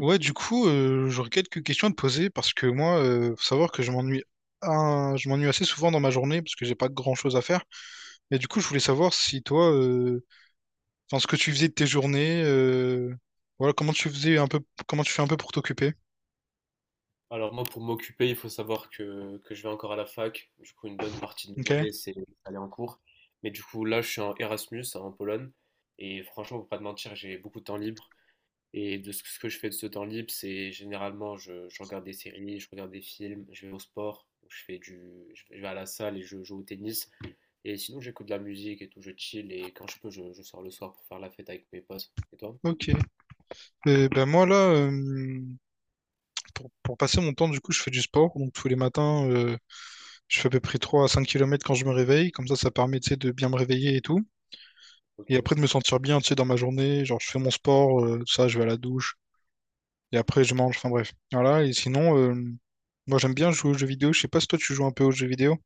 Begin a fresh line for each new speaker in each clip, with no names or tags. Ouais, du coup, j'aurais quelques questions à te poser parce que moi, faut savoir que je m'ennuie assez souvent dans ma journée parce que j'ai pas grand-chose à faire. Et du coup, je voulais
OK.
savoir si toi, enfin, ce que tu faisais de tes journées, voilà, comment tu fais un peu pour t'occuper.
Alors moi, pour m'occuper, il faut savoir que je vais encore à la fac. Du coup, une bonne partie de mes
Ok.
journées, c'est aller en cours. Mais du coup, là, je suis en Erasmus, hein, en Pologne. Et franchement, pour pas te mentir, j'ai beaucoup de temps libre. Et de ce que je fais de ce temps libre, c'est généralement, je regarde des séries, je regarde des films, je vais au sport, donc je vais à la salle et je joue au tennis. Et sinon, j'écoute de la musique et tout, je chill, et quand je peux, je sors le soir pour faire la fête avec mes potes. Et toi?
Ok. Ben moi là, pour passer mon temps, du coup, je fais du sport. Donc tous les matins, je fais à peu près 3 à 5 kilomètres quand je me réveille. Comme ça permet, tu sais, de bien me réveiller et tout.
Ok.
Et après de me sentir bien, tu sais, dans ma journée. Genre, je fais mon sport, tout ça, je vais à la douche. Et après, je mange. Enfin bref. Voilà. Et sinon, moi, j'aime bien jouer aux jeux vidéo. Je sais pas si toi, tu joues un peu aux jeux vidéo.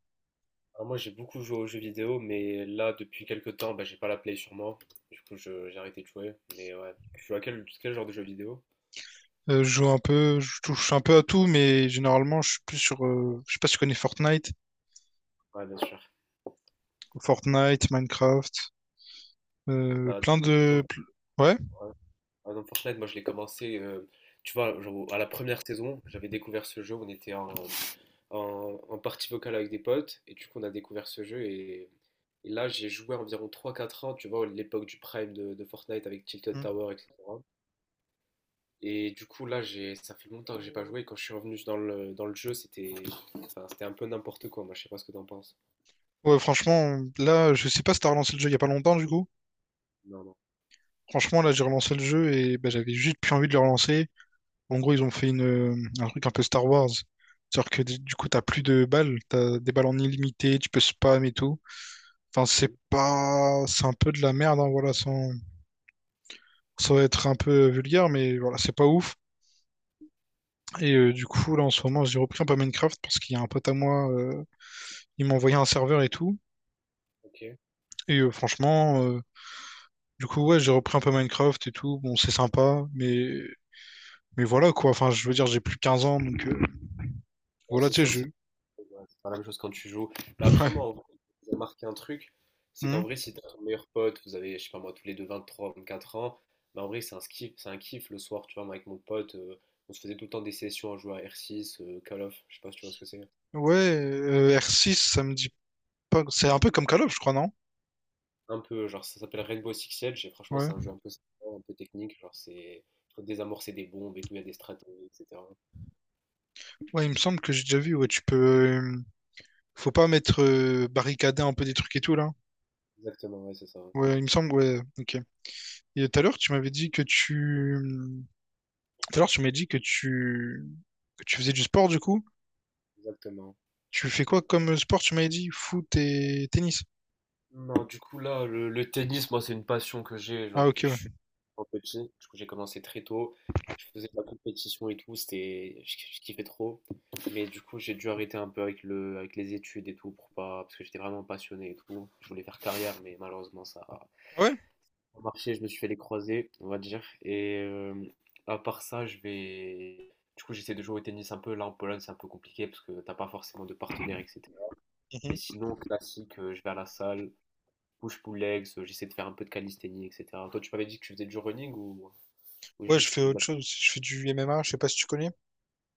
Alors moi, j'ai beaucoup joué aux jeux vidéo, mais là, depuis quelques temps, bah, j'ai pas la Play sur moi. Du coup, j'ai arrêté de jouer. Mais ouais. Tu joues à quel genre de jeux vidéo?
Je joue un peu, je touche un peu à tout, mais généralement, je suis plus sur. Je sais pas si tu connais Fortnite.
Ouais, bien sûr.
Fortnite, Minecraft.
Bah, par
Plein de.
exemple.
Ouais.
Ah non, Fortnite, moi je l'ai commencé, tu vois, genre, à la première saison. J'avais découvert ce jeu, on était en partie vocale avec des potes, et du coup on a découvert ce jeu, et là j'ai joué environ trois quatre ans, tu vois, l'époque du prime de Fortnite avec Tilted
Mm.
Tower, etc. Et du coup là, j'ai, ça fait longtemps que j'ai pas joué, et quand je suis revenu dans le jeu, c'était enfin, c'était un peu n'importe quoi, moi je sais pas ce que t'en penses.
Ouais, franchement, là, je sais pas si t'as relancé le jeu il y a pas longtemps, du coup.
Non, non.
Franchement, là, j'ai relancé le jeu et bah, j'avais juste plus envie de le relancer. En gros, ils ont fait un truc un peu Star Wars. C'est-à-dire que du coup, t'as plus de balles, t'as des balles en illimité, tu peux spam et tout. Enfin, c'est
Mhm.
pas. C'est un peu de la merde, hein, voilà, sans être un peu vulgaire, mais voilà, c'est pas ouf. Et du coup, là, en ce moment, j'ai repris un peu Minecraft parce qu'il y a un pote à moi, il m'a envoyé un serveur et tout.
Ok.
Et franchement. Du coup, ouais, j'ai repris un peu Minecraft et tout. Bon, c'est sympa, mais voilà quoi, enfin je veux dire, j'ai plus 15 ans, donc
Ouais,
voilà,
c'est
tu sais,
sûr que.
je.
Ouais, c'est pas la même chose quand tu joues. Mais après, moi,
Ouais.
en vrai, j'ai remarqué un truc, c'est
Hmm.
qu'en vrai, si t'as ton meilleur pote, vous avez, je sais pas moi, tous les deux vingt trois vingt quatre ans, bah en vrai, c'est un kiff le soir, tu vois. Moi, avec mon pote, on se faisait tout le temps des sessions à jouer à R6, Call of, je sais pas si tu vois ce que c'est.
Ouais R6 ça me dit pas. C'est un peu comme Call of, je crois, non?
Un peu, genre, ça s'appelle Rainbow Six Siege, et franchement,
Ouais.
c'est un jeu un peu sympa, un peu technique. Genre, faut désamorcer des bombes et tout, il y a des stratégies, etc.
Ouais, il me semble que j'ai déjà vu, ouais, tu peux. Faut pas mettre barricadé un peu des trucs et tout là.
Exactement, ouais, c'est ça,
Ouais, il me semble, ouais, ok. Et tout à l'heure, tu m'avais dit que tu. Tout à l'heure, tu m'as dit Que tu faisais du sport du coup.
exactement.
Tu fais quoi comme sport, tu m'avais dit? Foot et tennis.
Non, du coup, là, le tennis, moi, c'est une passion que j'ai, genre,
Ah, ok,
depuis que je
ouais.
suis trop petit. Du coup, j'ai commencé très tôt. Je faisais de la compétition et tout, je kiffais trop. Mais du coup, j'ai dû arrêter un peu avec avec les études et tout. Pour pas, Parce que j'étais vraiment passionné et tout, je voulais faire carrière, mais malheureusement, ça a
Ah ouais?
pas marché. Je me suis fait les croisés, on va dire. Et à part ça, du coup, j'essaie de jouer au tennis un peu. Là, en Pologne, c'est un peu compliqué parce que t'as pas forcément de partenaire, etc. Mais
Mhm.
sinon, classique, je vais à la salle, push-pull legs, j'essaie de faire un peu de calisthénie, etc. Toi, tu m'avais dit que tu faisais du running ou
Ouais, je
juste
fais
ou de la-
autre chose aussi. Je fais du M M MMA, je sais pas si tu connais.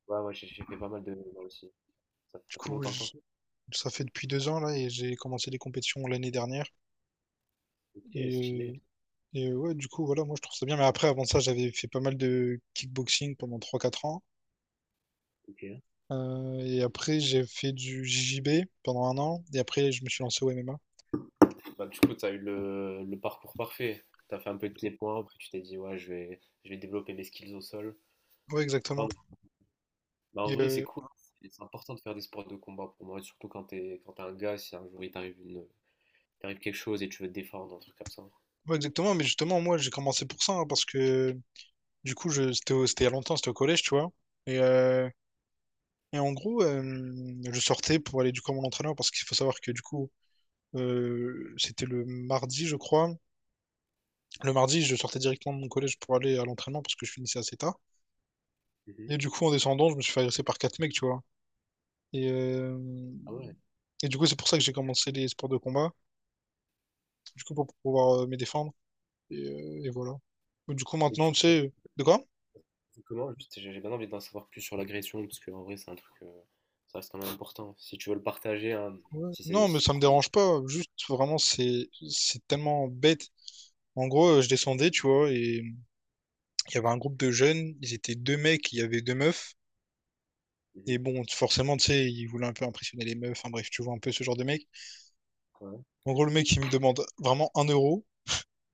Ouais, ouais, j'ai fait pas mal de running moi aussi. Ça,
Du
ça fait
coup,
longtemps que t'en
je-
fais.
Ça fait depuis 2 ans là et j'ai commencé les compétitions l'année dernière.
Ok,
Et,
stylé.
euh, et, ouais, du coup, voilà, moi je trouve ça bien. Mais après, avant ça, j'avais fait pas mal de kickboxing pendant trois quatre ans.
Ok.
Et après, j'ai fait du JJB pendant un an. Et après, je me suis lancé au MMA.
Bah, du coup, tu as eu le parcours parfait. Tu as fait un peu de pieds-points, après tu t'es dit, ouais, je vais développer mes skills au sol.
Ouais, exactement.
Pardon. Bah, en
Et,
vrai, c'est cool, hein. C'est important de faire des sports de combat pour moi, surtout quand t'es un gars. Si un jour t'arrive quelque chose et tu veux te défendre, un truc comme ça.
ouais, exactement. Mais justement, moi j'ai commencé pour ça hein, parce que du coup, c'était il y a longtemps, c'était au collège, tu vois. Et, euh, et en gros, je sortais pour aller du coup à mon entraîneur parce qu'il faut savoir que du coup, c'était le mardi, je crois. Le mardi, je sortais directement de mon collège pour aller à l'entraînement parce que je finissais assez tard.
Mhm.
Et du coup, en descendant, je me suis fait agresser par quatre mecs, tu vois. Et, euh,
Ah ouais.
et du coup, c'est pour ça que j'ai commencé les sports de combat. Du coup, pour pouvoir me défendre. Et voilà. Du coup,
Mais du
maintenant, tu
coup,
sais, de quoi?
comment? Juste, j'ai bien envie d'en savoir plus sur l'agression, parce que en vrai, c'est un truc, ça reste quand même important. Si tu veux le partager, hein,
Ouais.
si c'est
Non,
si
mais
c'est
ça me
trop.
dérange pas. Juste, vraiment, c'est tellement bête. En gros, je descendais, tu vois, et il y avait un groupe de jeunes. Ils étaient deux mecs, il y avait deux meufs. Et
Mhm.
bon, forcément, tu sais, ils voulaient un peu impressionner les meufs. Enfin bref, tu vois, un peu ce genre de mec.
Ouais.
En gros, le mec, il me demande vraiment 1 euro.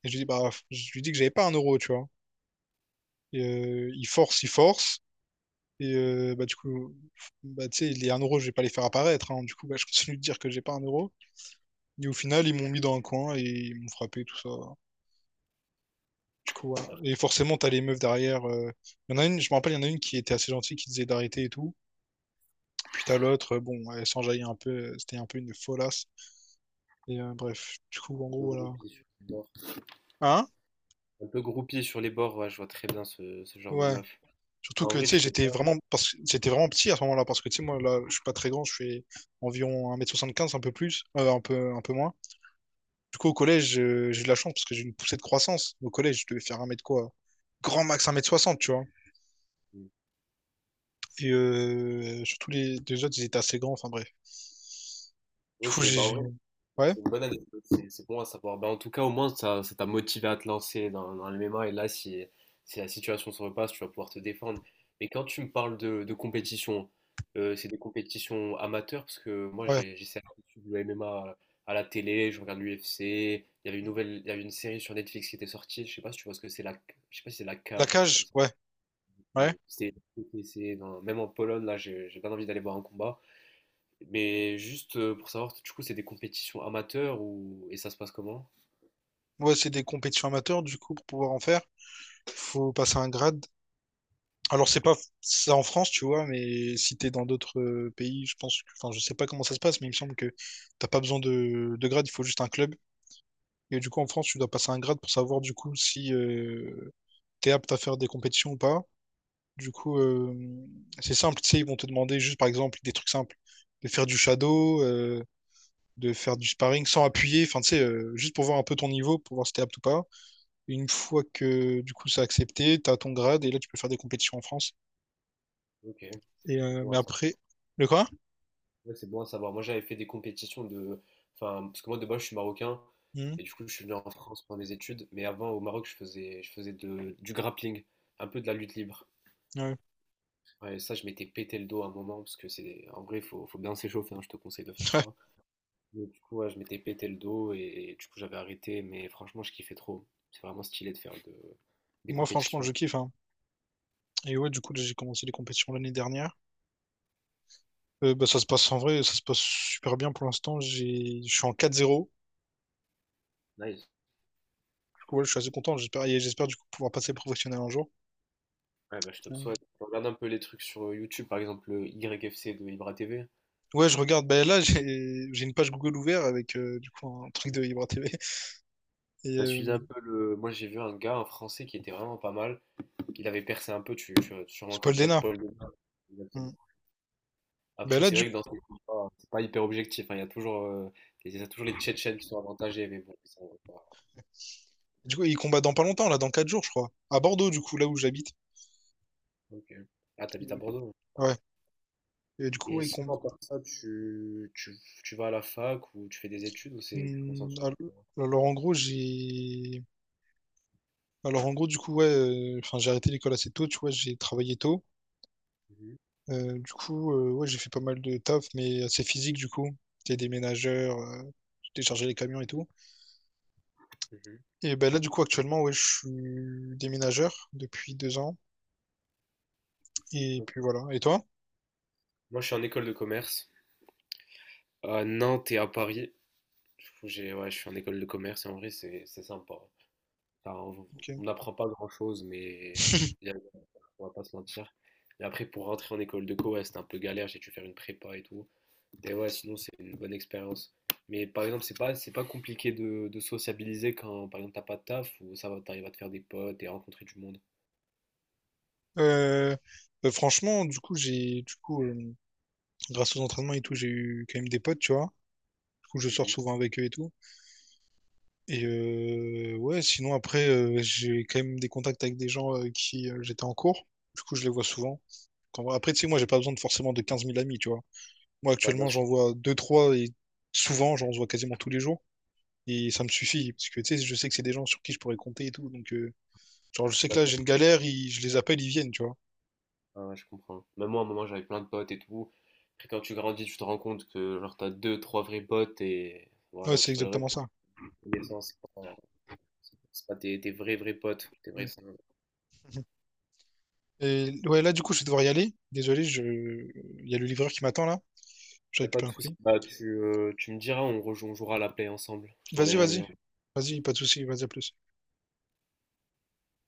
Et je lui dis, bah, je lui dis que j'avais pas 1 euro, tu vois. Et, il force, il force. Et bah, du coup, bah, tu sais, les 1 euro, je vais pas les faire apparaître, hein. Du coup, bah, je continue de dire que j'ai pas 1 euro. Et au final, ils m'ont mis dans un coin et ils m'ont frappé, tout ça. Du coup, voilà.
Alors.
Et forcément, t'as les meufs derrière. Il y en a une, je me rappelle, il y en a une qui était assez gentille, qui disait d'arrêter et tout. Puis t'as l'autre, bon, elle s'enjaillait un peu. C'était un peu une folasse. Et bref, du coup, en
Un
gros,
peu
voilà.
groupie sur les bords.
Hein?
Un peu groupie sur les bords, ouais, je vois très bien ce genre de
Ouais.
meuf.
Surtout
En
que, tu
vrai,
sais,
tu fais pas.
j'étais vraiment petit à ce moment-là, parce que, tu sais, moi, là, je suis pas très grand, je fais environ 1,75 m un peu plus, un peu moins. Du coup, au collège, j'ai eu de la chance parce que j'ai eu une poussée de croissance. Au collège, je devais faire un mètre quoi? Grand max 1,60 m tu vois.
Mmh.
Et surtout les deux autres, ils étaient assez grands, enfin bref. Du coup,
Ok, bah en vrai.
Ouais,
C'est une bonne anecdote, c'est bon à savoir. Ben, en tout cas, au moins, ça t'a motivé à te lancer dans le MMA. Et là, si la situation se repasse, tu vas pouvoir te défendre. Mais quand tu me parles de compétition, c'est des compétitions amateurs? Parce que moi,
ouais.
j'essaie de suivre le MMA à la télé, je regarde l'UFC. Il y avait une série sur Netflix qui était sortie. Je sais pas si tu vois ce que c'est, la, je sais pas si c'est la
La
cage ou un truc comme
cage,
ça.
ouais, ouais.
C'est, Même en Pologne, là, j'ai bien envie d'aller voir un combat. Mais juste pour savoir, du coup, c'est des compétitions amateurs ou, et ça se passe comment?
Ouais, c'est des compétitions amateurs, du coup, pour pouvoir en faire, faut passer un grade. Alors, c'est pas ça en France, tu vois, mais si t'es dans d'autres pays, je pense, enfin, je sais pas comment ça se passe, mais il me semble que t'as pas besoin de grade, il faut juste un club. Et du coup, en France, tu dois passer un grade pour savoir, du coup, si t'es apte à faire des compétitions ou pas. Du coup, c'est simple, tu sais, ils vont te demander juste, par exemple, des trucs simples, de faire du shadow, de faire du sparring sans appuyer, enfin, tu sais, juste pour voir un peu ton niveau, pour voir si t'es apte ou pas. Une fois que, du coup, c'est accepté, t'as ton grade, et là, tu peux faire des compétitions en France.
Ok, c'est bon
Mais
à savoir.
après, le quoi.
Ouais, c'est bon à savoir. Moi, j'avais fait des compétitions enfin, parce que moi de base, je suis marocain
Mhm.
et du coup, je suis venu en France pour mes études. Mais avant, au Maroc, je faisais du grappling, un peu de la lutte libre.
Ouais.
Ouais, et ça, je m'étais pété le dos à un moment parce que en vrai, faut bien s'échauffer, hein, je te conseille de faire
Ouais.
ça. Mais du coup, ouais, je m'étais pété le dos et, du coup, j'avais arrêté. Mais franchement, je kiffais trop. C'est vraiment stylé de faire des
Moi, franchement,
compétitions.
je kiffe, hein. Et ouais, du coup, là, j'ai commencé les compétitions l'année dernière. Bah, ça se passe en vrai, ça se passe super bien pour l'instant. J'ai... Je suis en 4-0.
Nice.
Du coup, ouais, je suis assez content. J'espère du coup pouvoir passer professionnel un jour.
Ouais, bah, je te
Euh,
le souhaite. Regarde un peu les trucs sur YouTube, par exemple le YFC de Ibra TV.
Ouais, je regarde. Bah, là, j'ai une page Google ouverte avec du coup un truc de Vibra TV. Et
T'as suivi un peu le. Moi j'ai vu un gars, un Français qui était vraiment pas mal. Il avait percé un peu, tu vas sûrement
c'est Paul
connaître
Dena.
Paul Lema. Exactement.
Mhm. Bah,
Après,
là,
c'est
du
vrai que
coup,
dans ces combats, c'est pas hyper objectif, hein. Il y a toujours, il y a toujours les Tchétchènes qui sont avantagés, mais bon,
du coup, il combat dans pas longtemps, là, dans 4 jours, je crois. À Bordeaux, du coup, là où j'habite.
ok. Ah, t'habites à Bordeaux? Ah
Ouais.
bon.
Et du coup,
Et
ouais, il combat.
sinon, à part ça, tu vas à la fac ou tu fais des études, ou c'est tu te concentres sur.
Alors, en gros, j'ai. Alors en gros du coup ouais, enfin j'ai arrêté l'école assez tôt, tu vois, j'ai travaillé tôt.
Mhm,
Du coup ouais j'ai fait pas mal de taf mais assez physique du coup. J'étais déménageur, j'ai déchargé les camions et tout.
mhm.
Et ben là du coup actuellement ouais je suis déménageur depuis 2 ans et
Donc,
puis voilà. Et toi?
moi, je suis en école de commerce à Nantes et à Paris. Du coup, ouais, je suis en école de commerce et en vrai, c'est sympa. Enfin, on
Ok.
on n'apprend pas grand-chose, mais y a- on va pas se mentir. Et après, pour rentrer en école de co, ouais, c'était un peu galère, j'ai dû faire une prépa et tout. Mais ouais, sinon, c'est une bonne expérience. Mais par exemple, c'est pas compliqué de sociabiliser, quand, par exemple, t'as pas de taf ou ça va, t'arrives à te faire des potes et rencontrer du monde.
Euh, Bah, franchement du coup grâce aux entraînements et tout j'ai eu quand même des potes tu vois. Du coup je sors
Mhm.
souvent avec eux et tout. Et ouais, sinon après, j'ai quand même des contacts avec des gens qui j'étais en cours. Du coup, je les vois souvent. Après, tu sais, moi, j'ai pas besoin de forcément de 15 000 amis, tu vois. Moi,
Ouais, bien
actuellement,
sûr,
j'en vois deux trois et souvent, j'en vois quasiment tous les jours. Et ça me suffit, parce que tu sais, je sais que c'est des gens sur qui je pourrais compter et tout. Donc, genre,
ouais, je
je
suis
sais que là,
d'accord.
j'ai une galère, je les appelle, ils viennent, tu vois.
Ouais, ouais, je comprends. Même moi, à un moment, j'avais plein de potes et tout. Après, quand tu grandis, tu te rends compte que, genre, t'as deux, trois vrais potes et
Ouais,
voilà.
c'est
tu vas le
exactement ça.
Des fois, c'est pas tes vrais, vrais potes. Tes vrais.
Ouais. Et ouais, là, du coup, je vais devoir y aller. Désolé, je... il y a le livreur qui m'attend là. Je
Pas
récupère
de
un
soucis.
colis.
Bah, tu me diras, on jouera à la play ensemble. Je
Vas-y,
t'enverrai un
vas-y.
lien.
Vas-y, pas de souci, vas-y, à plus.